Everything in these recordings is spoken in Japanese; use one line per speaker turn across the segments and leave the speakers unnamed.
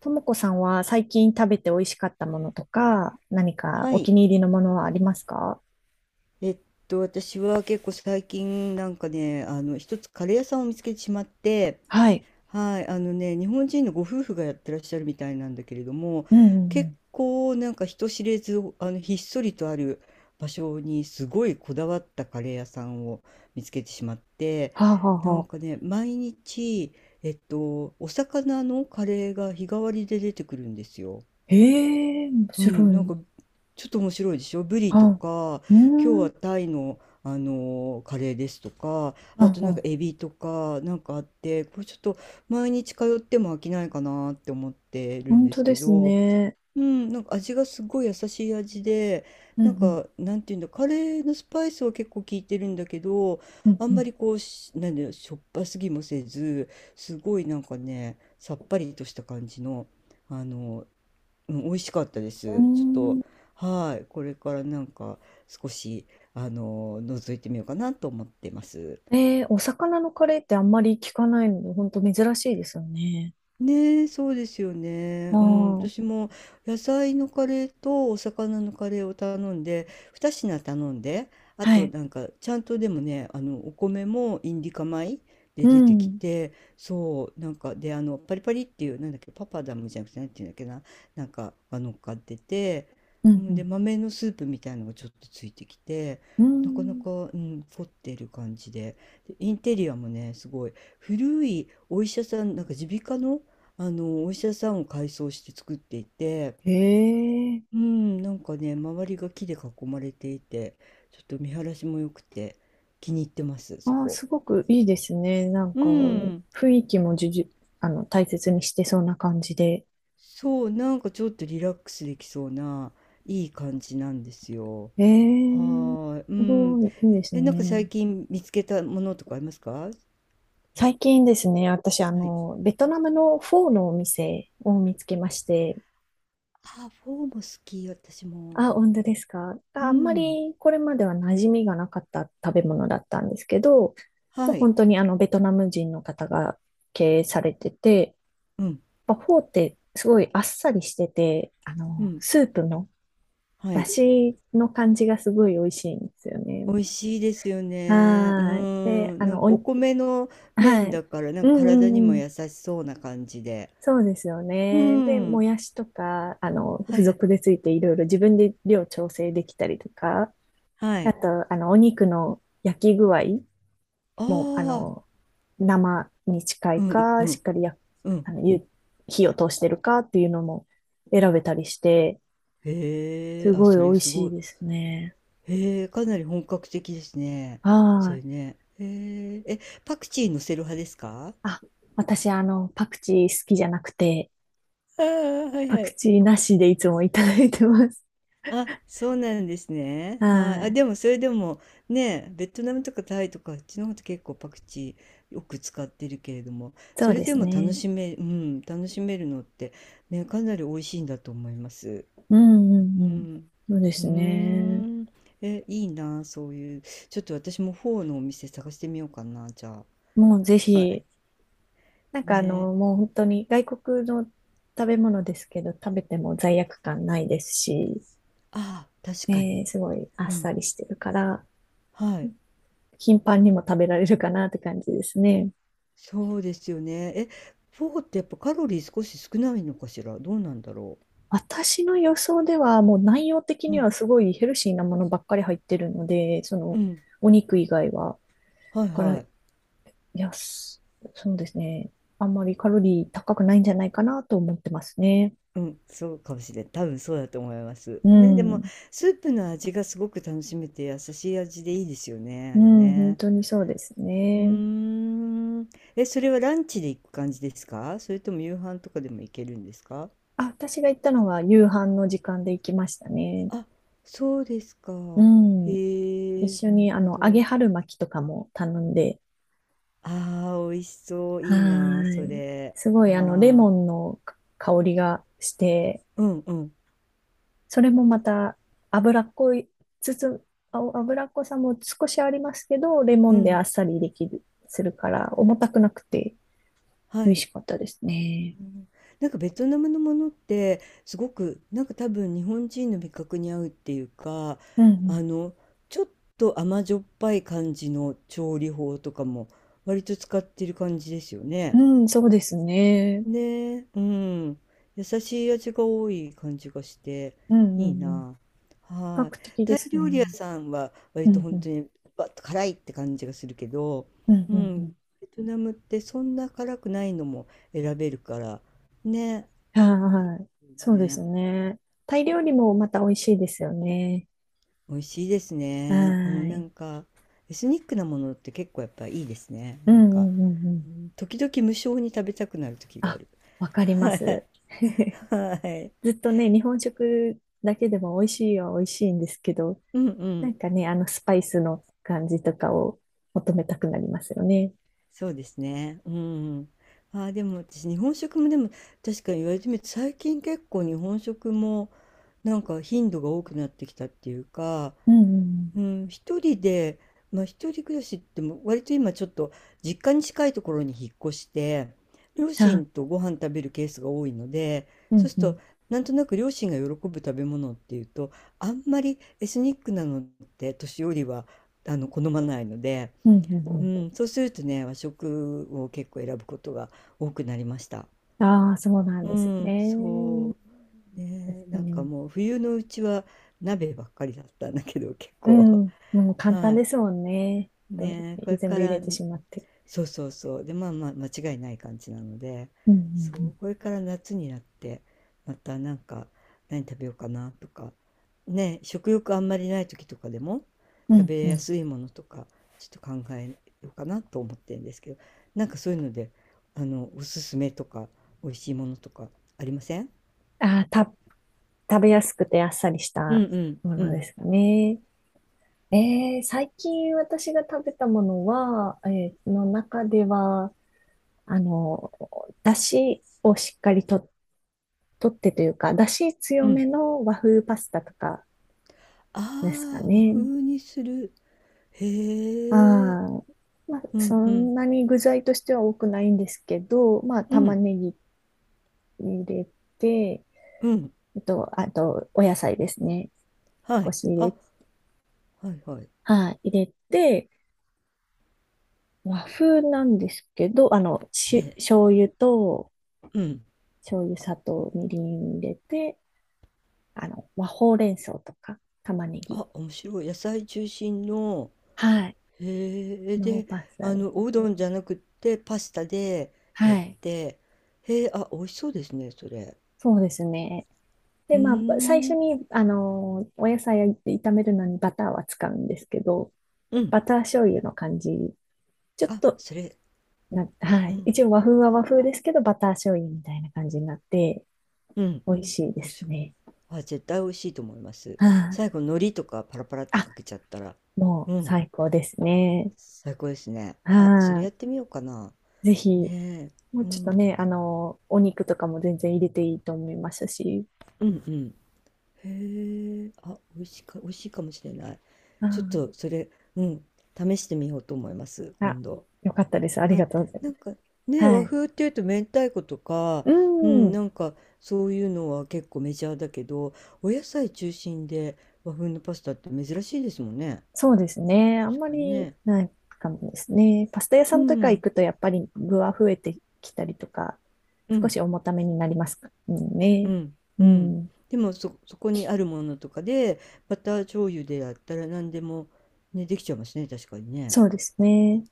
ともこさんは最近食べて美味しかったものとか、何か
は
お気
い。
に入りのものはありますか？
えっ私は結構最近一つカレー屋さんを見つけてしまって、
はい。
はい、あのね、日本人のご夫婦がやってらっしゃるみたいなんだけれども、
うんうんう
結
ん。
構なんか人知れず、あの、ひっそりとある場所にすごいこだわったカレー屋さんを見つけてしまって、
はあ、はあ
な
は
んか
あ。
ね、毎日、お魚のカレーが日替わりで出てくるんですよ。
ええ面
うん、
白
なん
い。
かちょっと面白いでしょ。ブリ
は
と
あ。
か、
うー
今日
ん。
は
は
タイの、カレーですとか、
あ
あと
は
なんか
あ。
エビとかなんかあって、これちょっと毎日通っても飽きないかなって思ってるん
本
で
当
す
で
け
す
ど、
ね。
うん、なんか味がすごい優しい味で、
う
なん
ん
かなんていうんだ、カレーのスパイスは結構効いてるんだけど、
うん。
あ
う
ん
ん
ま
う
りこうし、なんだよ、しょっぱすぎもせず、すごいなんかね、さっぱりとした感じの、あのうん美味しかったです。ちょっ
ん。うー
と、
ん。
はい、これからなんか少し、あの、覗いてみようかなと思ってます。
えー、お魚のカレーってあんまり聞かないので、本当珍しいですよね。
ね、えそうですよ
あ
ね。うん、私
あ、
も野菜のカレーとお魚のカレーを頼んで、2品頼んで、あ
は
と
い。
なんかちゃんとでもね、あのお米もインディカ米で
う
出てき
ん。
て、そう、なんかであのパリパリっていうなんだっけ、パパダムじゃなくてなんていうんだっけな、なんかが乗っかってて、
う
う
んう
ん、で
ん。
豆のスープみたいのがちょっとついてきて、
う
なかなか、
ん。
うん、凝ってる感じで、でインテリアもね、すごい古いお医者さん、なんか耳鼻科のあのお医者さんを改装して作っていて、
へえ。
うん、なんかね、周りが木で囲まれていて、ちょっと見晴らしも良くて気に入ってます、そ
ああ、
こ。
すごくいいですね。なん
う
か、
ん、
雰囲気もじゅじゅ、大切にしてそうな感じで。
そう、なんかちょっとリラックスできそうないい感じなんですよ。
え
は
え、
ーい、う
すご
ん。
い、いいです
え、なんか
ね。
最近見つけたものとかありますか？
最近ですね、私、
はい。
ベトナムのフォーのお店を見つけまして、
あ、フォーも好き、私も。
あ、本当ですか。あ、
う
あんま
ん。
りこれまでは馴染みがなかった食べ物だったんですけど、もう
は
本
い。
当にあの、ベトナム人の方が経営されてて、
うん。
やっぱフォーってすごいあっさりしてて、あ
う
の、
ん。
スープも
は
だ
い。
しの感じがすごい美味しいんですよ
美
ね。
味しいですよね。う
はーい。で、
ん。
あ
なん
の、
か
お
お
に、
米の
は
麺
い。
だから、なん
う
か
んう
体に
ん
も
うん。
優しそうな感じで。
そうですよ
う
ね。で、も
ん。
やしとか、
は
付
いはい。
属でついていろいろ自分で量調整できたりとか、
は
あ
い。
と、お肉の焼き具合
あ
も、あ
あ。
の、生に近
う
い
んう
か、し
ん
っかりや、
うん。
あの、ゆ火を通してるかっていうのも選べたりして、
へえ。
す
あ、
ごい
そ
美
れ
味
す
し
ご
い
い。
ですね。
へえ。かなり本格的ですね。
は
そ
ー
れ
い。
ね。へえ。え、パクチー乗せる派ですか？
あ、私、パクチー好きじゃなくて、
ああー、はい
パ
は
ク
い。
チーなしでいつもいただいてます。
あ、そうなんです ね。はい。
は
あ、で
い。
もそれでもね、ベトナムとかタイとかあっちの方と結構パクチーよく使ってるけれども、
そ
そ
う
れ
で
で
す
も楽
ね。
しめ、うん、楽しめるのってね、かなり美味しいんだと思います。
うんうん
う
うん。
ん。
そうで
うー
すね。
ん。え、いいな、そういう。ちょっと私もフォーのお店探してみようかな、じゃ
もうぜ
あ。はい。
ひ、なんかあ
ね。
の、もう本当に外国の食べ物ですけど、食べても罪悪感ないですし、
ああ、確か
ね
に。
すごいあっ
う
さ
ん。
りしてるから、
はい。
頻繁にも食べられるかなって感じですね。
そうですよね。え、フォーってやっぱカロリー少し少ないのかしら。どうなんだろ
私の予想では、もう内容的
う。う
に
ん、
はすごいヘルシーなものばっかり入ってるので、そ
う
の
ん、
お肉以外は。
はい
だから、
は
い
い。
や、すそうですね。あんまりカロリー高くないんじゃないかなと思ってますね。
うん、そうかもしれん。多分そうだと思います。
う
ね、でも
ん。
スープの味がすごく楽しめて優しい味でいいですよね、
う
あれ
ん、本
ね。
当にそうです
うー
ね。
ん。え、それはランチで行く感じですか？それとも夕飯とかでも行けるんですか？
あ、私が行ったのは夕飯の時間で行きましたね。
あ、そうですか。
うん。
へ
一
え、
緒
なる
にあ
ほ
の揚げ
ど。
春巻きとかも頼んで、
ああ、美味しそう。
は
いいな、そ
ーい。
れ。
すご
は
いあのレ
ーい。
モンの香りがして、
うんうん。
それもまた脂っこい、つつ、あ脂っこさも少しありますけど、レモ
う
ンであっ
ん、
さりできる、するから、重たくなくて
は
美味し
い。
かったですね。
うん、なんかベトナムのものってすごくなんか多分日本人の味覚に合うっていうか、
う
あ
ん
のちょっと甘じょっぱい感じの調理法とかも割と使ってる感じですよ
う
ね。
ん。うん、そうですね。
ねえ、うん。優しい味が多い感じがして、
うんう
いい
んうん。比
な。
較
はい。
的
タ
で
イ
す
料
ね。
理屋さんは
う
割と
んう
本当
ん。
にバッと辛いって感じがするけど、
うん
う
うんう
ん。
ん。
ベトナムってそんな辛くないのも選べるから、ね。
はいはい。そうです
ね。
ね。タイ料理もまた美味しいですよね。
美味しいですね。う
は
ん、な
い。
んか、エスニックなものって結構やっぱいいですね。
う
な
ん
ん
う
か、
んうんうん。
うん時々無性に食べたくなる時があ
あ、
る。
わかり ま
はい。
す。
はい。
ずっとね、日本食だけでも美味しいは美味しいんですけど、
うんう
なん
ん。
かね、あのスパイスの感じとかを求めたくなりますよね。
そうですね。うん。ああ、でも私、日本食もでも、確かに言われてみると、最近結構日本食も、なんか頻度が多くなってきたっていうか、
うんうん。
うん、一人で、まあ一人暮らしっても、割と今ちょっと、実家に近いところに引っ越して、両
あ、
親とご飯食べるケースが多いので、
う
そう
ん
する
う
と、
ん。
なんとなく両親が喜ぶ食べ物っていうと、あんまりエスニックなのって年寄りは、あの、好まないので、
うんう
う
んう
ん、そうするとね、和食を結構選ぶことが多くなりました。
ん。ああ、そうなん
う
です
ん、
ね。
そう。
確
ね、
か
なんか
に。
もう冬のうちは鍋ばっかりだったんだけど、結
う
構。
ん。でも 簡
は
単で
い。
すもんね。と
ね、これ
全
か
部入れ
ら
てしまって。
そうそうそう。で、まあまあ間違いない感じなので、
う
そう、
ん
これから夏になって、またなんか何食べようかなとか、ね、食欲あんまりない時とかでも
う
食
ん
べ
うん。うんう
や
ん。
すいものとか、ちょっと考えようかなと思ってるんですけど、なんかそういうので、あの、おすすめとか、美味しいものとかありません？
ああ、た、食べやすくてあっさりし
うん
た
うん
も
う
ので
ん
すかね。えー、最近私が食べたものは、えーの中では、あの、だしをしっかりと、とってというか、だし強
うん。
めの和風パスタとかですか
ああ、和
ね。
風にする。
あ
へえ。
あまあ、
う
そ
んうん
んなに具材としては多くないんですけど、まあ、
う
玉
ん
ねぎ入れて、
うん。
あと、あと、お野菜ですね。
は
少
い。
し入
あ、
れ、
はいはい。
はい、入れて、和風なんですけど、あの、
え
し、
え、
醤油と、
うん。
醤油、砂糖、みりん入れて、まあ、ほうれん草とか玉ねぎ
あ、面白い。野菜中心の、
はい。
へえ、
の
で、
パスタ
あ
で
の、
す
おうどんじ
ね。
ゃなくってパスタでやっ
はい。
て、へえ、あ、美味しそうですね、それ。
そうですね。
う
で、
ー
まあ、ば最初
ん、
に、お野菜を炒めるのにバターは使うんですけど、
うん。
バター醤油の感じ、ちょっ
あ、
と、
それ、
な、は
う
い。
ん、
一応和風は和風ですけど、バター醤油みたいな感じになって、
うん、美
美味しいで
味
す
しそう。
ね。
あ、絶対美味しいと思います。
はい。
最後、海苔とかパラパラって
あ、
かけちゃったら、
もう
うん、
最高ですね。
最高ですね。あ、それ
は
やってみようかな。
い。ぜひ、
ね
も
え、
う
う
ちょっ
ん、
とね、お肉とかも全然入れていいと思いましたし。
うん、うん。へえ、あ、美味しいかもしれない。
は
ちょっ
い
とそれ、うん、試してみようと思います、
あ、
今度。
よかったです。あり
は
が
い。
とうござい
な
ま
ん
す。
かね、
は
和
い。
風っていうと明太子とか、
う
うん、な
ん、
んかそういうのは結構メジャーだけど、お野菜中心で和風のパスタって珍しいですもんね。
そうですね。あん
確
ま
かに
り
ね。
ないかもですね。パスタ屋さ
う
んとか行
ん、
くと、やっぱり具は増えてきたりとか、
う
少
ん、
し重ためになりますから
う
ね。
ん、
う
うん。
ん、
でもそこにあるものとかで、バター醤油でやったら何でも、ね、できちゃいますね、確かにね。
そうですね。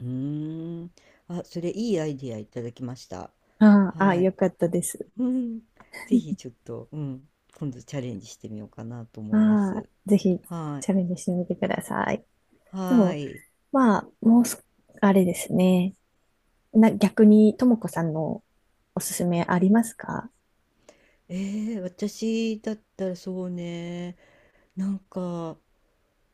うーん。あ、それいいアイディアいただきました。
ああ、あ
はい。
よかったです。
うん。ぜひちょっと、うん。今度チャレンジしてみようかなと
あ
思いま
あ、
す。
ぜひ
は
チ
い。
ャレンジしてみてください。で
は
も、
い。
まあ、もうす、あれですね。な、逆に、ともこさんのおすすめありますか？
えー、私だったらそうね。なんか、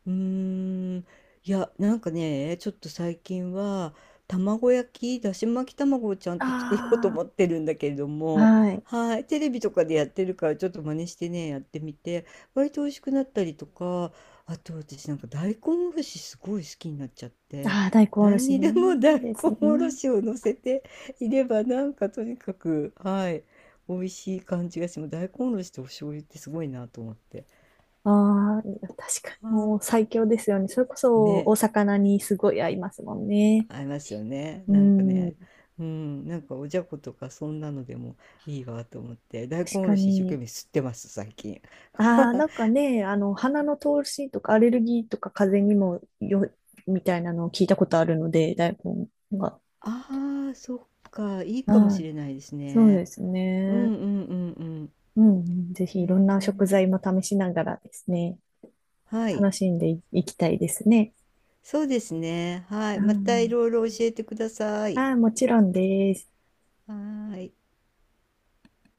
うーん、いや、なんかね、ちょっと最近は卵焼き、だし巻き卵をちゃんと作ろうと
あ
思ってるんだけれども、
はい。
はい、テレビとかでやってるからちょっと真似してね、やってみて、割と美味しくなったりとか、あと私なんか大根おろしすごい好きになっちゃって、
ああ、大根おろ
何
し
に
ね。
でも大根
ですね。
おろしを乗せていればなんかとにかく、はい、美味しい感じがしてもう大根おろしとお醤油ってすごいなと思って。
ああ、確か
あ
にもう
ー
最強ですよね。それこ
ね
そお魚にすごい合いますもんね。
ありますよね。
う
なんか
ん、
ね、
確
うん、なんかおじゃことかそんなのでもいいわと思って、大根お
か
ろし一生懸
に。
命吸ってます、最近。
ああ、なんかね、鼻の通しとかアレルギーとか風邪にもよ、みたいなのを聞いたことあるので、大根が。
ああ、そっか、いいかも
は
し
い、
れないです
そう
ね。
です
う
ね。
んうんうん
うん、うんぜ
う
ひい
ん。
ろんな食
へえ。
材も試しながらですね。
はい。
楽しんでいきたいですね。
そうですね。は
う
い。またい
ん。
ろいろ教えてください。
ああ、もちろんです。
はーい。